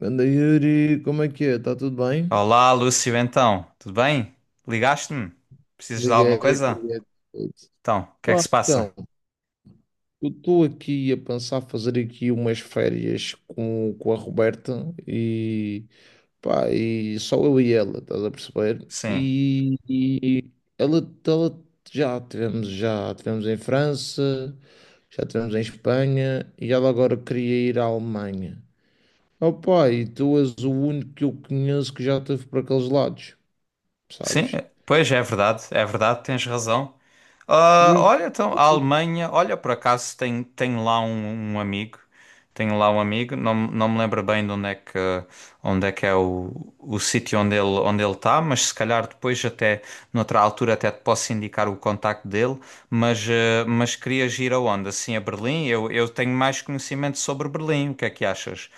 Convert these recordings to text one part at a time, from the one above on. Anda, Yuri, como é que é? Está tudo bem? Olá, Lúcio, então, tudo bem? Ligaste-me? Precisas de alguma Liguei. coisa? Liguei. Então, o que é Pá, que se passa? então, eu estou aqui a pensar fazer aqui umas férias com a Roberta e, pá, e só eu e ela, estás a perceber? Sim. E ela, ela, já tivemos em França, já tivemos em Espanha e ela agora queria ir à Alemanha. Opa, e tu és o único que eu conheço que já esteve por aqueles lados, sabes? Pois é verdade, tens razão. Ah, olha, então, a Alemanha, olha, por acaso tem, um amigo, tem lá um amigo, não me lembro bem de onde é que é o sítio onde ele está, mas se calhar depois até, noutra altura até te posso indicar o contacto dele, mas, mas querias ir aonde? Assim, a Berlim? Eu tenho mais conhecimento sobre Berlim, o que é que achas?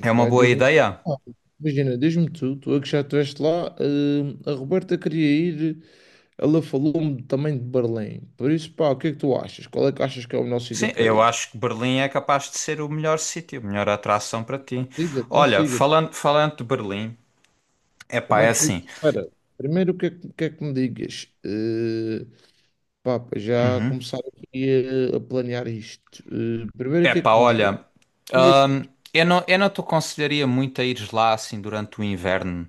É uma boa diz-me. ideia? Ah, imagina, diz-me tu é que já estiveste lá, a Roberta queria ir, ela falou-me também de Berlim. Por isso, pá, o que é que tu achas? Qual é que achas que é o melhor sítio Sim, para eu ir? acho que Berlim é capaz de ser o melhor sítio, a melhor atração para ti. Liga, então Olha, siga. Falando de Berlim, é pá, Como é é que. assim. Espera, primeiro o que é que me digas? Pá, para já Uhum. começar aqui a planear isto. Primeiro o É que é pá, que me digas? olha, Dias? hum, eu não te aconselharia muito a ires lá assim durante o inverno.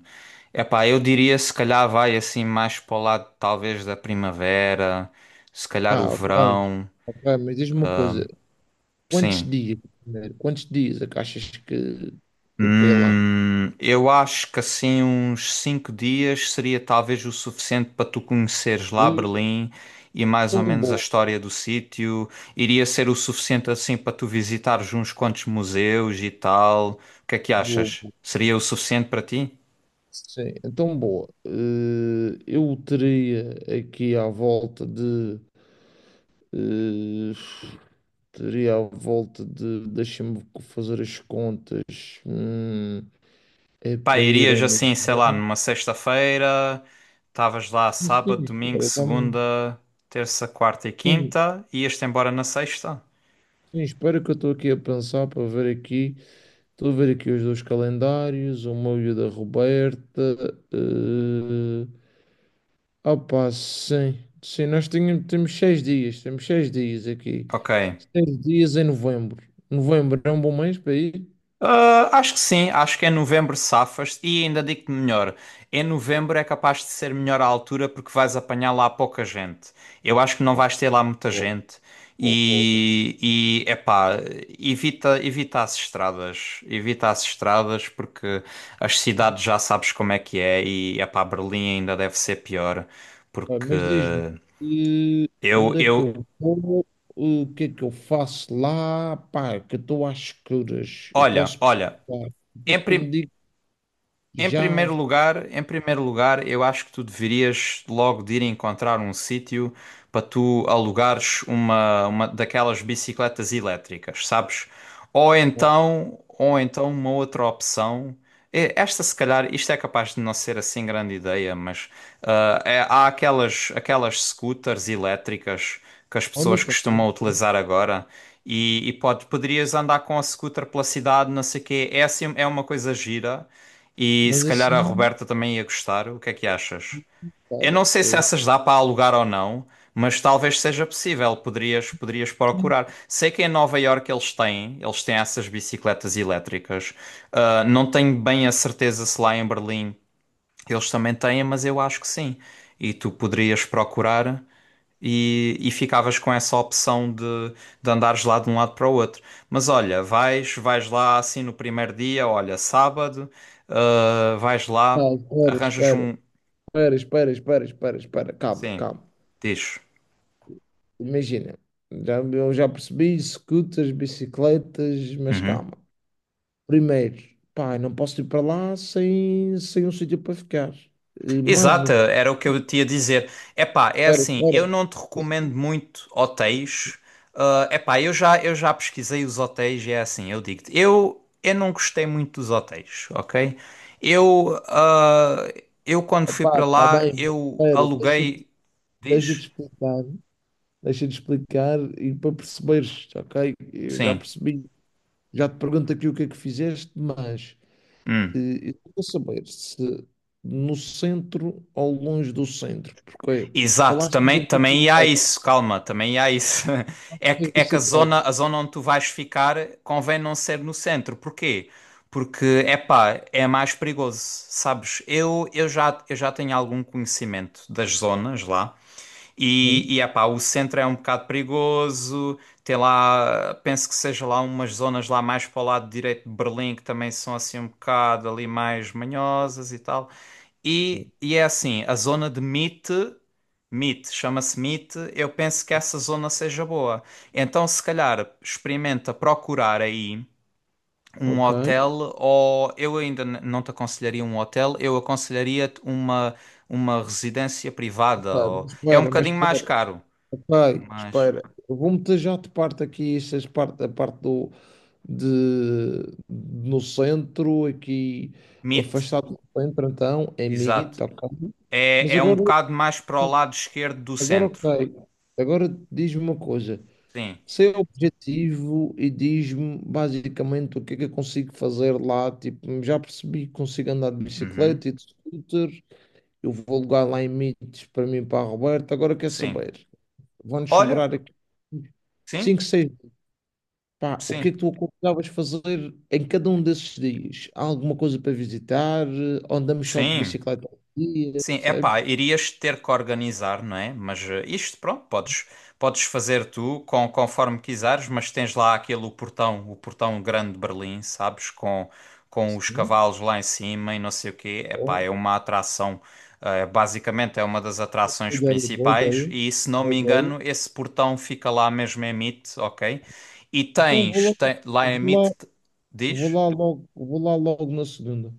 É pá, eu diria se calhar vai assim mais para o lado talvez da primavera, se calhar o Ah, ok. verão. Ok, mas diz-me uma coisa, quantos Sim. dias? Primeiro? Quantos dias é que achas Que para ir lá. Eu acho que assim uns cinco dias seria talvez o suficiente para tu conheceres É lá Berlim e mais ou tão menos a bom, história do sítio. Iria ser o suficiente assim para tu visitares uns quantos museus e tal. O que é que boa. achas? Seria o suficiente para ti? Sim, é tão boa. Eu teria aqui à volta de. eh, Teria à volta de. Deixa-me fazer as contas. Hum, é Pá, para irem irias no. assim, sei lá, numa sexta-feira, estavas lá Sim, sábado, sim, domingo, espera, segunda, terça, quarta e sim, quinta, ias-te embora na sexta? sim, espera que eu estou aqui a pensar para ver aqui. Estou a ver aqui os dois calendários, o meu e o da Roberta. Opa, sim. Sim, temos seis dias aqui. Ok. 6 dias em novembro. Novembro é um bom mês para ir. Ah, acho que sim, acho que em novembro safas e ainda digo-te melhor, em novembro é capaz de ser melhor a altura porque vais apanhar lá pouca gente. Eu acho que não Ó, vais ter lá muita ó, gente ó, ó. e, e epá, evita as estradas porque as cidades já sabes como é que é e epá, Berlim ainda deve ser pior Ah, porque mas diz-me, eh, eu, onde é que eu, eu vou? O que é que eu faço lá? Pá, que eu estou às escuras. Eu olha, posso pesquisar. olha, O que é que tu me dizes? em Já. primeiro lugar, em primeiro lugar, eu acho que tu deverias logo de ir encontrar um sítio para tu alugares uma daquelas bicicletas elétricas, sabes? Ou então uma outra opção. E esta, se calhar, isto é capaz de não ser assim grande ideia, mas há aquelas, aquelas scooters elétricas que as Olha, pessoas tá bom, tá costumam bom. utilizar agora. Poderias andar com a scooter pela cidade, não sei o quê. É, assim, é uma coisa gira e se Mas calhar a assim, Roberta também ia gostar. O que é que achas? Eu espera. não sei se essas dá para alugar ou não, mas talvez seja possível. Poderias Sim. procurar. Sei que em Nova Iorque eles têm essas bicicletas elétricas. Ah, não tenho bem a certeza se lá em Berlim eles também têm, mas eu acho que sim. E tu poderias procurar e ficavas com essa opção de andares lá de um lado para o outro. Mas olha, vais lá assim no primeiro dia, olha, sábado, ah, vais Ah, lá, espera, arranjas espera, um. espera, espera, espera, espera, espera. Calma, Sim, calma. diz. Imagina, já, eu já percebi, scooters, bicicletas, mas Uhum. calma. Primeiro, pá, não posso ir para lá sem um sítio para ficar. Mas não, Exato, era o que eu te ia dizer. Epá, é espera, assim, eu espera. não te recomendo muito hotéis. Ah, epá, eu já pesquisei os hotéis e é assim, eu digo-te, eu não gostei muito dos hotéis, ok? Eu, quando fui Opá, para está lá, bem, mas eu espera, deixa-te aluguei. Diz? deixa-te explicar. Deixa-te explicar e para perceberes, ok? Eu já Sim. percebi, já te pergunto aqui o que é que fizeste, mas Hum. Eu quero saber se no centro ou longe do centro, porque Exato, falaste de também há bicicleta. isso, calma, também há isso. De é que bicicleta. A zona onde tu vais ficar convém não ser no centro. Porquê? Porque, epá, é mais perigoso, sabes? Eu já tenho algum conhecimento das zonas lá Sim. e epá, o centro é um bocado perigoso. Tem lá, penso que seja lá umas zonas lá mais para o lado direito de Berlim que também são assim um bocado ali mais manhosas e tal. E é assim, a zona de Meet, Meet, chama-se Meet, eu penso que essa zona seja boa. Então, se calhar, experimenta procurar aí um Ok. hotel, ou eu ainda não te aconselharia um hotel, eu aconselharia-te uma residência Ok, privada. Ou, mas é um espera, mas bocadinho mais espera, caro, ok, mas espera. Eu vou-me já de parte aqui, a parte de, no centro, aqui, Meet, afastado do centro, então, é exato. mito, ok. Mas É um agora, bocado mais para o lado esquerdo do agora centro. ok, agora diz-me uma coisa, Sim. seu objetivo e diz-me basicamente o que é que eu consigo fazer lá, tipo, já percebi que consigo andar de Uhum. bicicleta e de scooter. Eu vou alugar lá em Mites para mim, para a Roberta. Agora quer Sim. saber? Vão-nos Olha, sobrar aqui sim, 5 seis. Pá, o que é sim, que tu aconselhavas fazer em cada um desses dias? Há alguma coisa para visitar? Ou andamos só de sim. bicicleta ao dia, Sim, é pá, percebes? irias ter que organizar, não é? Mas eh, isto, pronto, podes fazer tu com, conforme quiseres, mas tens lá aquele o portão grande de Berlim, sabes? Com os Sim. cavalos lá em cima e não sei o quê. É Ó, pá, é uma atração, eh, basicamente é uma das boa atrações ideia, boa principais ideia, e, se não boa me ideia. engano, esse portão fica lá mesmo em Mitte, ok? E Então tens, lá em vou lá, Mitte, diz? Vou lá logo na segunda.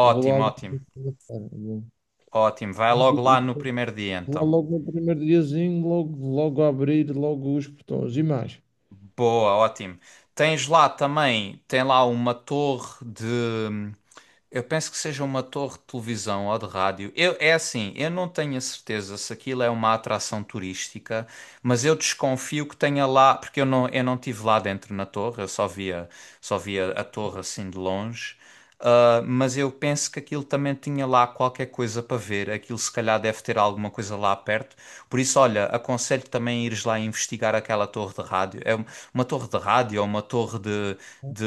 Vou lá logo ótimo, na ótimo. Vai logo lá no segunda-feira. primeiro dia, Lá então. logo no primeiro diazinho, logo, logo a abrir, logo os portões e mais. Boa, ótimo. Tens lá também, tem lá uma torre de, hum, eu penso que seja uma torre de televisão ou de rádio. É assim, eu não tenho a certeza se aquilo é uma atração turística, mas eu desconfio que tenha lá, porque eu não estive lá dentro na torre, só via a torre assim de longe. Ah, mas eu penso que aquilo também tinha lá qualquer coisa para ver. Aquilo se calhar deve ter alguma coisa lá perto. Por isso, olha, aconselho também ires lá investigar aquela torre de rádio. Uma torre de rádio ou uma torre de, de,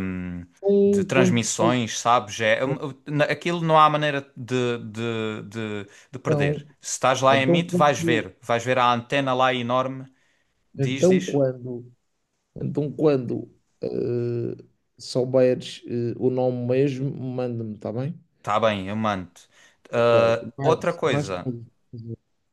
hum, de Então, quando, transmissões, sabes? Aquilo não há maneira de então, perder. Se estás lá em então Meet, vais quando, ver. Vais ver a antena lá enorme. Diz, então diz. quando, então quando eh, souberes o nome mesmo, manda-me, está bem? Tá bem, eu mando. Ok. Ah, outra Mais, mais coisa. coisas.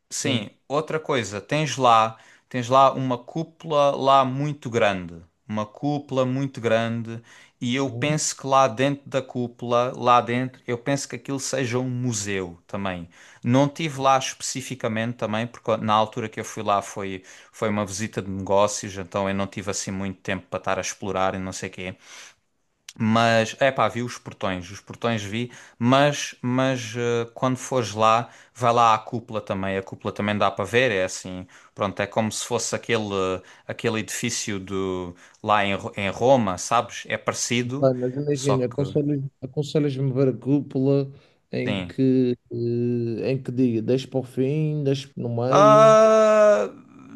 Sim. Sim, outra coisa, tens lá uma cúpula lá muito grande, uma cúpula muito grande, e eu Hum. penso que lá dentro da cúpula, lá dentro, eu penso que aquilo seja um museu também. Não tive lá especificamente também, porque na altura que eu fui lá foi uma visita de negócios, então eu não tive assim muito tempo para estar a explorar e não sei quê. Mas, é pá, vi os portões vi, mas eh, quando fores lá, vai lá à cúpula também, a cúpula também dá para ver, é assim, pronto, é como se fosse aquele, aquele edifício do, lá em, em Roma, sabes? É parecido, Pá, mas só imagina, que, aconselhas-me ver a cúpula em sim. que, em que diga, deixa para o fim, deixa no meio. Ah,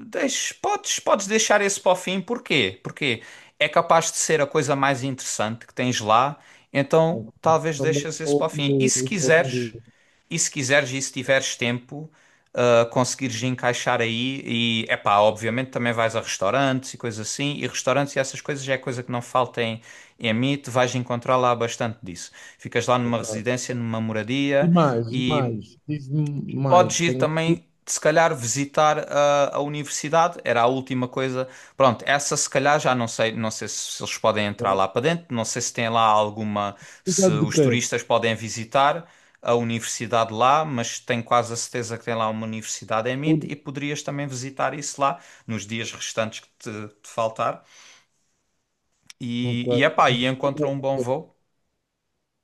podes deixar esse para o fim, porquê? Porque é capaz de ser a coisa mais interessante que tens lá, então talvez Também deixes esse sou o para o fim. E se primeiro, sou o quiseres. primeiro. E se quiseres e se tiveres tempo, ah, conseguires encaixar aí e, epá, obviamente também vais a restaurantes e coisas assim, e restaurantes e essas coisas já é coisa que não falta em, em mim, tu vais encontrar lá bastante disso. Ficas lá Tá. numa Tá. residência, numa E moradia mais, e e mais. Diz-me podes mais. ir Tenho. também, se calhar, visitar a universidade, era a última coisa. Pronto, essa se calhar já não sei, não sei se eles podem entrar lá para dentro, não sei se tem lá alguma, se Universidade de os quê? turistas podem visitar a universidade lá, mas tenho quase a certeza que tem lá uma universidade em MIT Uni- e poderias também visitar isso lá nos dias restantes que te faltar. Ok. E epá, e encontra um bom voo.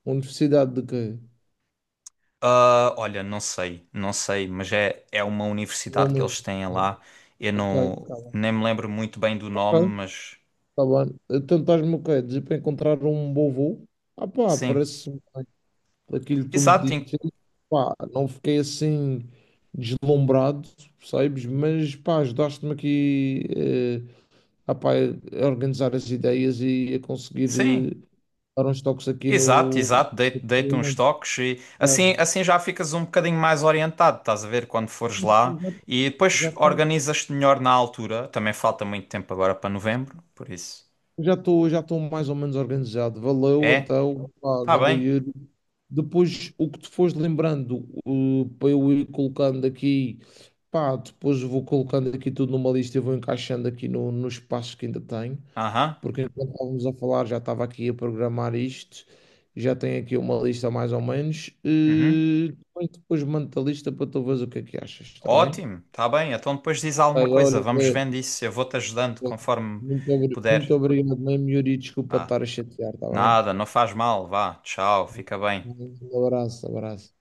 Universidade de quê? Ah, olha, não sei, não sei, mas é, é uma É universidade que uma... eles têm lá. Eu Ok, não, tá bem. nem me lembro muito bem do Ok, nome, mas tá bem. Então estás-me o quê? Dizer para encontrar um bom voo? Ah pá, sim, parece aquilo que tu me exato, disseste. Pá, não fiquei assim deslumbrado, percebes? Mas pá, ajudaste-me aqui ah pá, a organizar as ideias e a conseguir sim, dar uns toques aqui exato, no. exato. Dei, dei uns toques e Já assim, assim já ficas um bocadinho mais orientado, estás a ver, quando fores lá e depois já tenho- organizas-te melhor na altura. Também falta muito tempo agora para novembro, por isso. já estou mais ou menos organizado. Valeu, É, então, pá, tá ganda bem, Yuri. Depois, o que te fores lembrando, para eu ir colocando aqui, pá, depois vou colocando aqui tudo numa lista e vou encaixando aqui no, nos espaços que ainda tenho. aham, Porque enquanto estávamos a falar, já estava aqui a programar isto, já tenho aqui uma lista mais ou menos, uhum. e depois, depois mando a lista para tu veres o que é que achas, está bem? Ótimo, está bem. Então depois diz alguma Olha, coisa, olha, vamos vê, vendo isso. Eu vou-te ajudando vê. conforme Muito, muito puder. obrigado mesmo, Yuri, desculpa Ah, estar a chatear, está bem? nada, não faz mal. Vá, tchau, fica bem. Um abraço, abraço.